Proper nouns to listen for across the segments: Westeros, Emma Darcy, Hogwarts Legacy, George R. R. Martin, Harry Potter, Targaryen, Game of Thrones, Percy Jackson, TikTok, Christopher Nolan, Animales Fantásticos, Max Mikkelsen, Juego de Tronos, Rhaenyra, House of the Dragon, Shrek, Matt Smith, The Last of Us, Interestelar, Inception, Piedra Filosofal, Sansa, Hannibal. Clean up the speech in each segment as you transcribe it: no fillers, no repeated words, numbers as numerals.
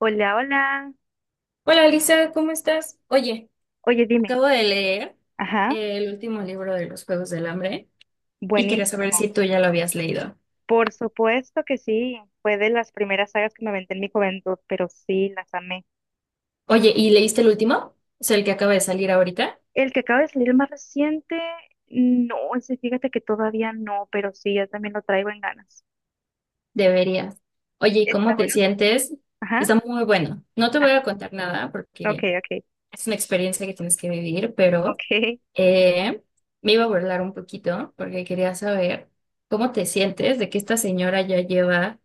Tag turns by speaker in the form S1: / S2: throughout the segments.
S1: Hola, hola.
S2: Hola Lisa, ¿cómo estás? Oye,
S1: Oye, dime.
S2: acabo de leer
S1: Ajá,
S2: el último libro de los Juegos del Hambre y quería saber
S1: buenísimo.
S2: si tú ya lo habías leído.
S1: Por supuesto que sí. Fue de las primeras sagas que me aventé en mi juventud, pero sí, las amé.
S2: Oye, ¿y leíste el último? O sea, el que acaba de salir ahorita.
S1: El que acaba de salir el más reciente, no, ese fíjate que todavía no, pero sí, ya también lo traigo en ganas.
S2: Deberías. Oye, ¿y
S1: Está
S2: cómo te
S1: bueno.
S2: sientes?
S1: Ajá,
S2: Está muy bueno. No te voy a contar nada
S1: ok,
S2: porque
S1: ok,
S2: es una experiencia que tienes que vivir, pero
S1: ok,
S2: eh, me iba a burlar un poquito porque quería saber cómo te sientes de que esta señora ya lleva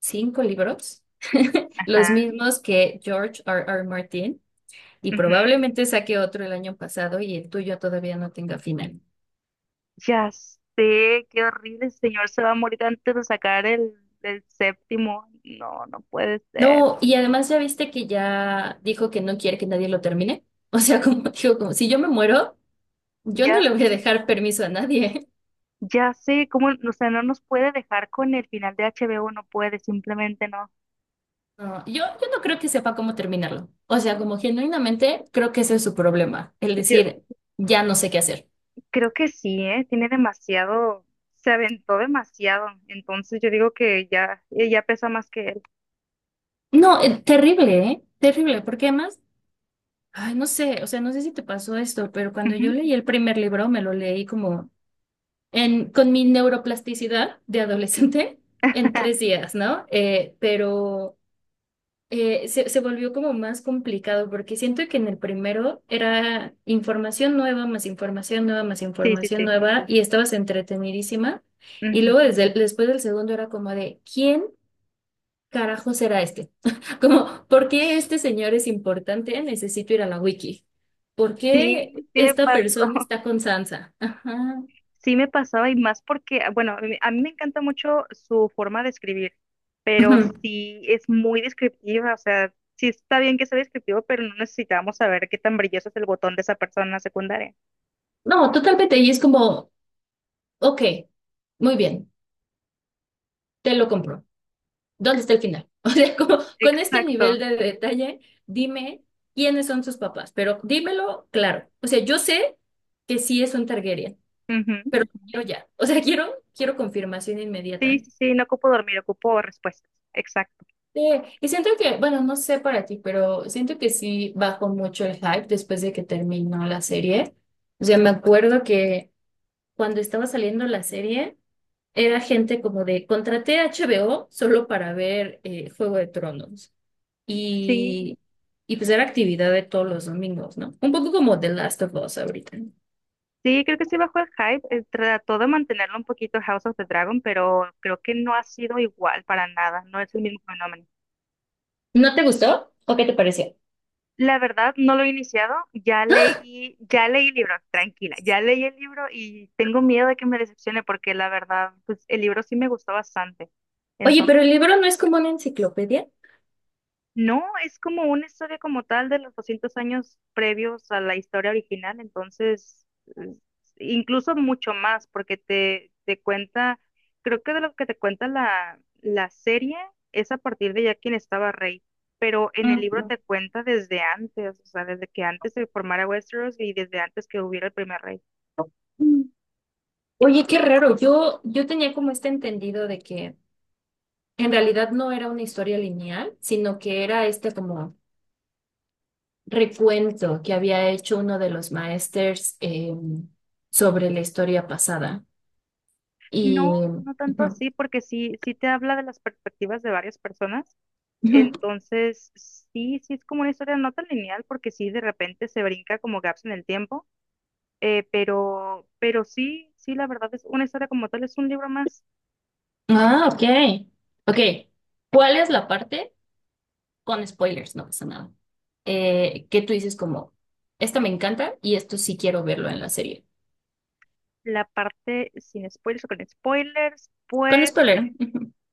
S2: cinco libros. Los
S1: ajá.
S2: mismos que George R. R. Martin y
S1: Ujú.
S2: probablemente saque otro el año pasado y el tuyo todavía no tenga final.
S1: Ya sé, qué horrible, el señor se va a morir antes de sacar el séptimo. No, no puede ser.
S2: No, y además ya viste que ya dijo que no quiere que nadie lo termine. O sea, como dijo, como si yo me muero, yo no
S1: Ya
S2: le voy a
S1: sé.
S2: dejar permiso a nadie.
S1: Ya sé, cómo, o sea, no nos puede dejar con el final de HBO, no puede, simplemente no.
S2: No, yo no creo que sepa cómo terminarlo. O sea, como genuinamente creo que ese es su problema, el
S1: Yo
S2: decir, ya no sé qué hacer.
S1: creo que sí, ¿eh? Tiene demasiado, se aventó demasiado, entonces yo digo que ya, ella pesa más que él.
S2: No, terrible, ¿eh? Terrible, porque además ay, no sé, o sea, no sé si te pasó esto, pero cuando
S1: Ujú,
S2: yo leí el primer libro, me lo leí como con mi neuroplasticidad de adolescente en tres días, ¿no? Pero se volvió como más complicado porque siento que en el primero era información nueva, más información nueva, más
S1: sí, sí,
S2: información
S1: sí.
S2: nueva y estabas entretenidísima. Y
S1: Ujú.
S2: luego después del segundo era como de, ¿quién carajo será este? Como, ¿por qué este señor es importante? Necesito ir a la wiki. ¿Por qué
S1: Sí, sí me
S2: esta
S1: pasó,
S2: persona está con Sansa? Ajá.
S1: sí me pasaba y más porque, ah, bueno, a mí me encanta mucho su forma de escribir, pero
S2: Ujú.
S1: sí es muy descriptiva, o sea, sí está bien que sea descriptivo, pero no necesitamos saber qué tan brilloso es el botón de esa persona secundaria.
S2: No, totalmente. Y es como, ok, muy bien, te lo compro. ¿Dónde está el final? O sea, como, con este
S1: Exacto.
S2: nivel de detalle, dime quiénes son sus papás, pero dímelo claro. O sea, yo sé que sí es un Targaryen, pero
S1: Ujú.
S2: quiero ya. O sea, quiero, quiero confirmación
S1: Sí,
S2: inmediata.
S1: sí, sí, no ocupo dormir, ocupo respuestas. Exacto.
S2: Sí, y siento que, bueno, no sé para ti, pero siento que sí bajó mucho el hype después de que terminó la serie. O sea, me acuerdo que cuando estaba saliendo la serie, era gente como de, contraté HBO solo para ver Juego de Tronos.
S1: Sí,
S2: Y, y pues era actividad de todos los domingos, ¿no? Un poco como The Last of Us ahorita.
S1: sí, creo que sí bajó el hype. Trató de mantenerlo un poquito House of the Dragon, pero creo que no ha sido igual para nada. No es el mismo fenómeno.
S2: ¿No te gustó? ¿O qué te pareció?
S1: La verdad, no lo he iniciado. Ya leí el libro, tranquila. Ya leí el libro y tengo miedo de que me decepcione porque la verdad, pues el libro sí me gustó bastante.
S2: Oye, pero el libro no es como una enciclopedia.
S1: No, es como una historia como tal de los 200 años previos a la historia original, entonces es- incluso mucho más, porque te cuenta, creo que de lo que te cuenta la serie es a partir de ya quien estaba rey, pero en el libro
S2: Mm.
S1: te cuenta desde antes, o sea, desde que antes se formara Westeros y desde antes que hubiera el primer rey.
S2: Mm. Oye, qué raro. Yo tenía como este entendido de que en realidad no era una historia lineal, sino que era este como recuento que había hecho uno de los maestros sobre la historia pasada. Y...
S1: No, no tanto
S2: ujú,
S1: así, porque sí, sí te habla de las perspectivas de varias personas.
S2: ujú.
S1: Entonces, sí, sí es como una historia no tan lineal porque sí de repente se brinca como gaps en el tiempo, pero sí, sí, la verdad es una historia como tal, es un libro más.
S2: Ah, ok. Ok. ¿Cuál es la parte? Con spoilers, no pasa nada. Que tú dices como, esta me encanta y esto sí quiero verlo en la serie.
S1: La parte sin spoilers o con spoilers,
S2: Con
S1: pues
S2: spoiler.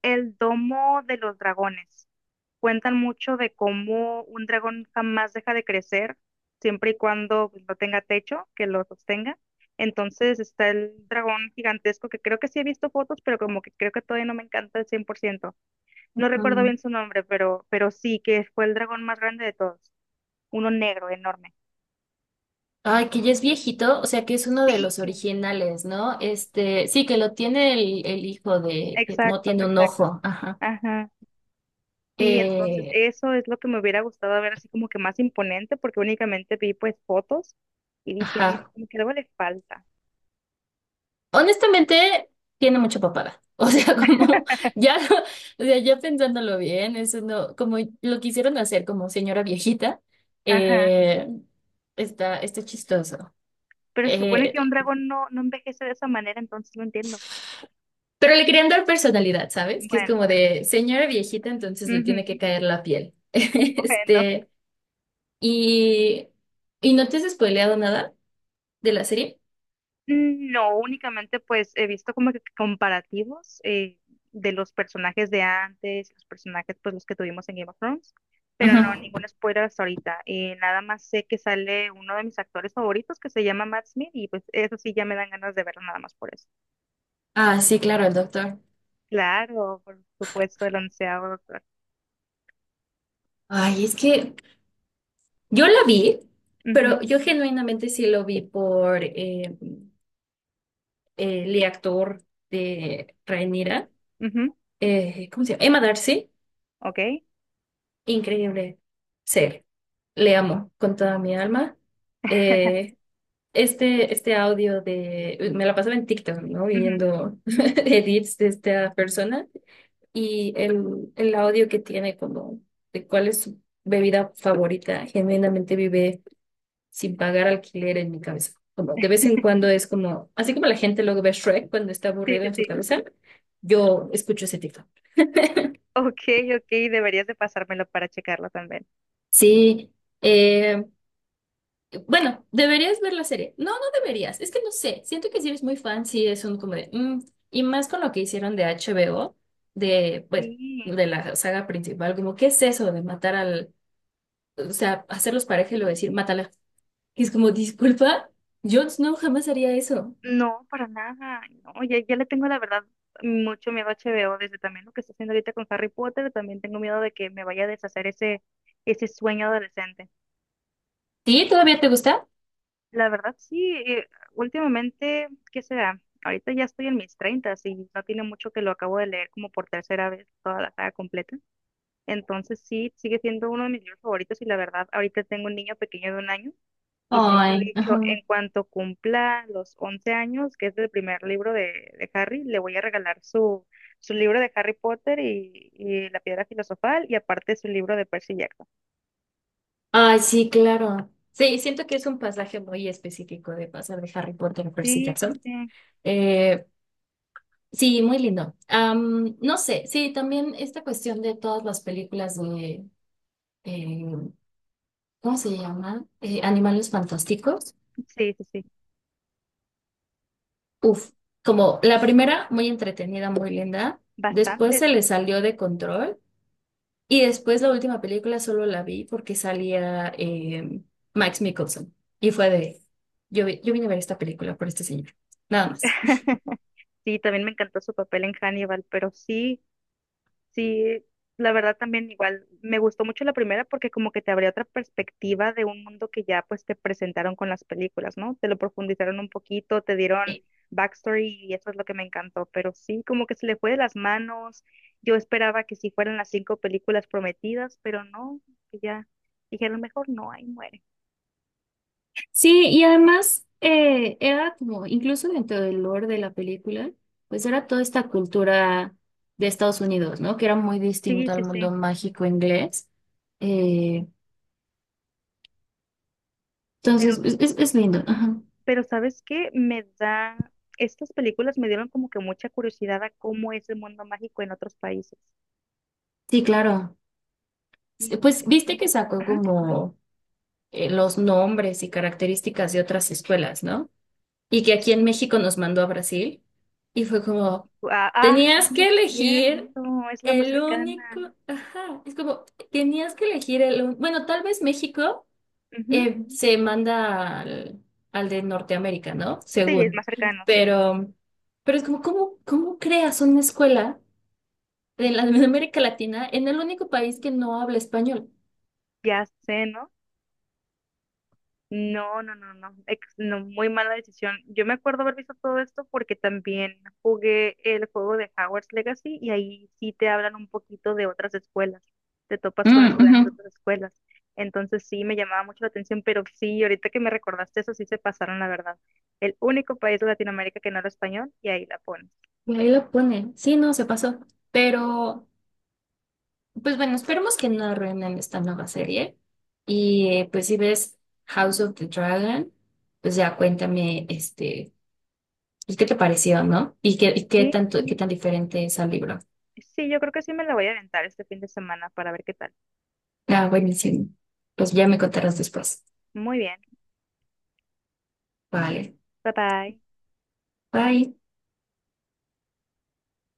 S1: el domo de los dragones. Cuentan mucho de cómo un dragón jamás deja de crecer, siempre y cuando pues, no tenga techo que lo sostenga. Entonces está el dragón gigantesco que creo que sí he visto fotos, pero como que creo que todavía no me encanta al 100%. No recuerdo
S2: Ujú.
S1: bien su nombre, pero sí, que fue el dragón más grande de todos. Uno negro, enorme.
S2: Ay, que ya es viejito, o sea que es uno de
S1: Sí,
S2: los originales, ¿no? Este, sí, que lo tiene el hijo de, que no
S1: exacto,
S2: tiene un
S1: exacto.
S2: ojo, ajá.
S1: Ajá. Sí, entonces
S2: Eh,
S1: eso es lo que me hubiera gustado ver así como que más imponente, porque únicamente vi pues fotos y dije, no,
S2: ajá.
S1: como que algo le falta.
S2: Honestamente, tiene mucha papada. O sea, como ya, o sea, ya pensándolo bien, eso no, como lo quisieron hacer como señora viejita,
S1: Ajá.
S2: eh, está, está chistoso.
S1: Pero se supone que un
S2: Eh,
S1: dragón no, no envejece de esa manera, entonces no entiendo.
S2: pero le querían dar personalidad, ¿sabes? Que es
S1: Bueno,
S2: como de señora viejita, entonces
S1: bueno.
S2: le
S1: Ujú.
S2: tiene que caer la piel.
S1: Bueno.
S2: Este. ¿Y, y no te has spoileado nada de la serie?
S1: No, únicamente pues he visto como que comparativos de los personajes de antes, los personajes pues los que tuvimos en Game of Thrones, pero no,
S2: Ujú.
S1: ningún spoiler hasta ahorita. Nada más sé que sale uno de mis actores favoritos que se llama Matt Smith y pues eso sí ya me dan ganas de verlo nada más por eso.
S2: Ah, sí, claro, el doctor.
S1: Claro, por supuesto, el onceavo doctor.
S2: Ay, es que yo la vi,
S1: Ujú,
S2: pero yo genuinamente sí lo vi por el actor de Rhaenyra,
S1: ujú,
S2: ¿cómo se llama? Emma Darcy.
S1: ok,
S2: Increíble ser. Le amo con toda mi alma. Eh, este audio de... Me la pasaba en TikTok, ¿no?
S1: ujú,
S2: Viendo edits de esta persona. Y el audio que tiene como de cuál es su bebida favorita, genuinamente vive sin pagar alquiler en mi cabeza. Como de vez en cuando es como, así como la gente luego ve Shrek cuando está
S1: sí,
S2: aburrido
S1: sí,
S2: en su
S1: sí.
S2: cabeza, yo escucho ese tipo.
S1: Ok, ok, deberías de pasármelo para checarlo también.
S2: Sí, eh, bueno, deberías ver la serie. No, no deberías, es que no sé, siento que si eres muy fan, sí es un como de, mm, y más con lo que hicieron de HBO, de, pues
S1: Sí.
S2: de la saga principal, como, ¿qué es eso de matar al o sea, hacerlos pareja y luego decir, mátala? Y es como, disculpa, yo no jamás haría eso.
S1: No, para nada. No, ya, ya le tengo la verdad mucho miedo a HBO, desde también lo que está haciendo ahorita con Harry Potter, también tengo miedo de que me vaya a deshacer ese sueño adolescente.
S2: ¿Sí? ¿Todavía te gusta?
S1: La verdad, sí, últimamente, ¿qué será? Ahorita ya estoy en mis treintas y no tiene mucho que lo acabo de leer como por tercera vez toda la saga completa. Entonces sí, sigue siendo uno de mis libros favoritos y la verdad, ahorita tengo un niño pequeño de 1 año. Y siempre he
S2: Ay,
S1: dicho,
S2: ajá.
S1: en cuanto cumpla los 11 años, que es el primer libro de Harry, le voy a regalar su libro de Harry Potter y la Piedra Filosofal y aparte su libro de Percy Jackson.
S2: Ay, sí, claro. Sí, siento que es un pasaje muy específico de pasar de Harry Potter a Percy
S1: Sí, sí,
S2: Jackson.
S1: sí,
S2: Eh, sí, muy lindo. Am, no sé, sí, también esta cuestión de todas las películas de, eh, ¿cómo se llama? Animales Fantásticos.
S1: sí, sí, sí,
S2: Uf, como la primera, muy entretenida, muy linda. Después
S1: bastante,
S2: se
S1: sí.
S2: le salió de control y después la última película solo la vi porque salía Max Mikkelsen. Y fue de, yo vine a ver esta película por este señor. Nada más.
S1: Sí, también me encantó su papel en Hannibal, pero sí, sí, la verdad también igual me gustó mucho la primera porque como que te abría otra perspectiva de un mundo que ya pues te presentaron con las películas, ¿no? Te lo profundizaron un poquito, te dieron backstory y eso es lo que me encantó, pero sí, como que se le fue de las manos. Yo esperaba que sí fueran las cinco películas prometidas, pero no, que ya dijeron mejor no, ahí muere.
S2: Sí, y además era como, incluso dentro del lore de la película, pues era toda esta cultura de Estados Unidos, ¿no? Que era muy
S1: Sí,
S2: distinta al
S1: sí,
S2: mundo
S1: sí,
S2: mágico inglés. Eh,
S1: pero,
S2: entonces, es lindo.
S1: ajá.
S2: Ajá.
S1: Pero ¿sabes qué? Me da, estas películas me dieron como que mucha curiosidad a cómo es el mundo mágico en otros países.
S2: Sí, claro.
S1: Sí,
S2: Sí, pues
S1: porque
S2: viste que sacó
S1: ajá.
S2: como los nombres y características de otras escuelas, ¿no? Y que aquí en
S1: Sí.
S2: México nos mandó a Brasil. Y fue como,
S1: Ah, ah,
S2: tenías
S1: sí,
S2: que
S1: es
S2: elegir
S1: cierto, es la más
S2: el
S1: cercana.
S2: único, ajá, es como, tenías que elegir bueno, tal vez México
S1: Ujú,
S2: se manda al de Norteamérica, ¿no?
S1: sí, es
S2: Según,
S1: más cercano, sí.
S2: pero, pero es como, ¿cómo, cómo creas una escuela de la de América Latina en el único país que no habla español?
S1: Ya sé, ¿no? No, no, no, no, no, muy mala decisión. Yo me acuerdo haber visto todo esto porque también jugué el juego de Hogwarts Legacy y ahí sí te hablan un poquito de otras escuelas. Te topas con
S2: Mm, ujú.
S1: estudiantes de otras escuelas. Entonces sí me llamaba mucho la atención, pero sí, ahorita que me recordaste eso, sí se pasaron, la verdad. El único país de Latinoamérica que no habla español y ahí la pones.
S2: Y ahí lo ponen, sí, no, se pasó, pero... Pues bueno, esperemos que no arruinen esta nueva serie. Y pues si ves House of the Dragon, pues ya cuéntame, este, pues, qué te pareció, ¿no? Y qué
S1: Sí.
S2: tanto, qué tan diferente es al libro.
S1: Sí, yo creo que sí me la voy a aventar este fin de semana para ver qué tal.
S2: Ah, buenísimo. Pues ya me contarás después.
S1: Muy bien.
S2: Vale.
S1: Bye bye.
S2: Bye.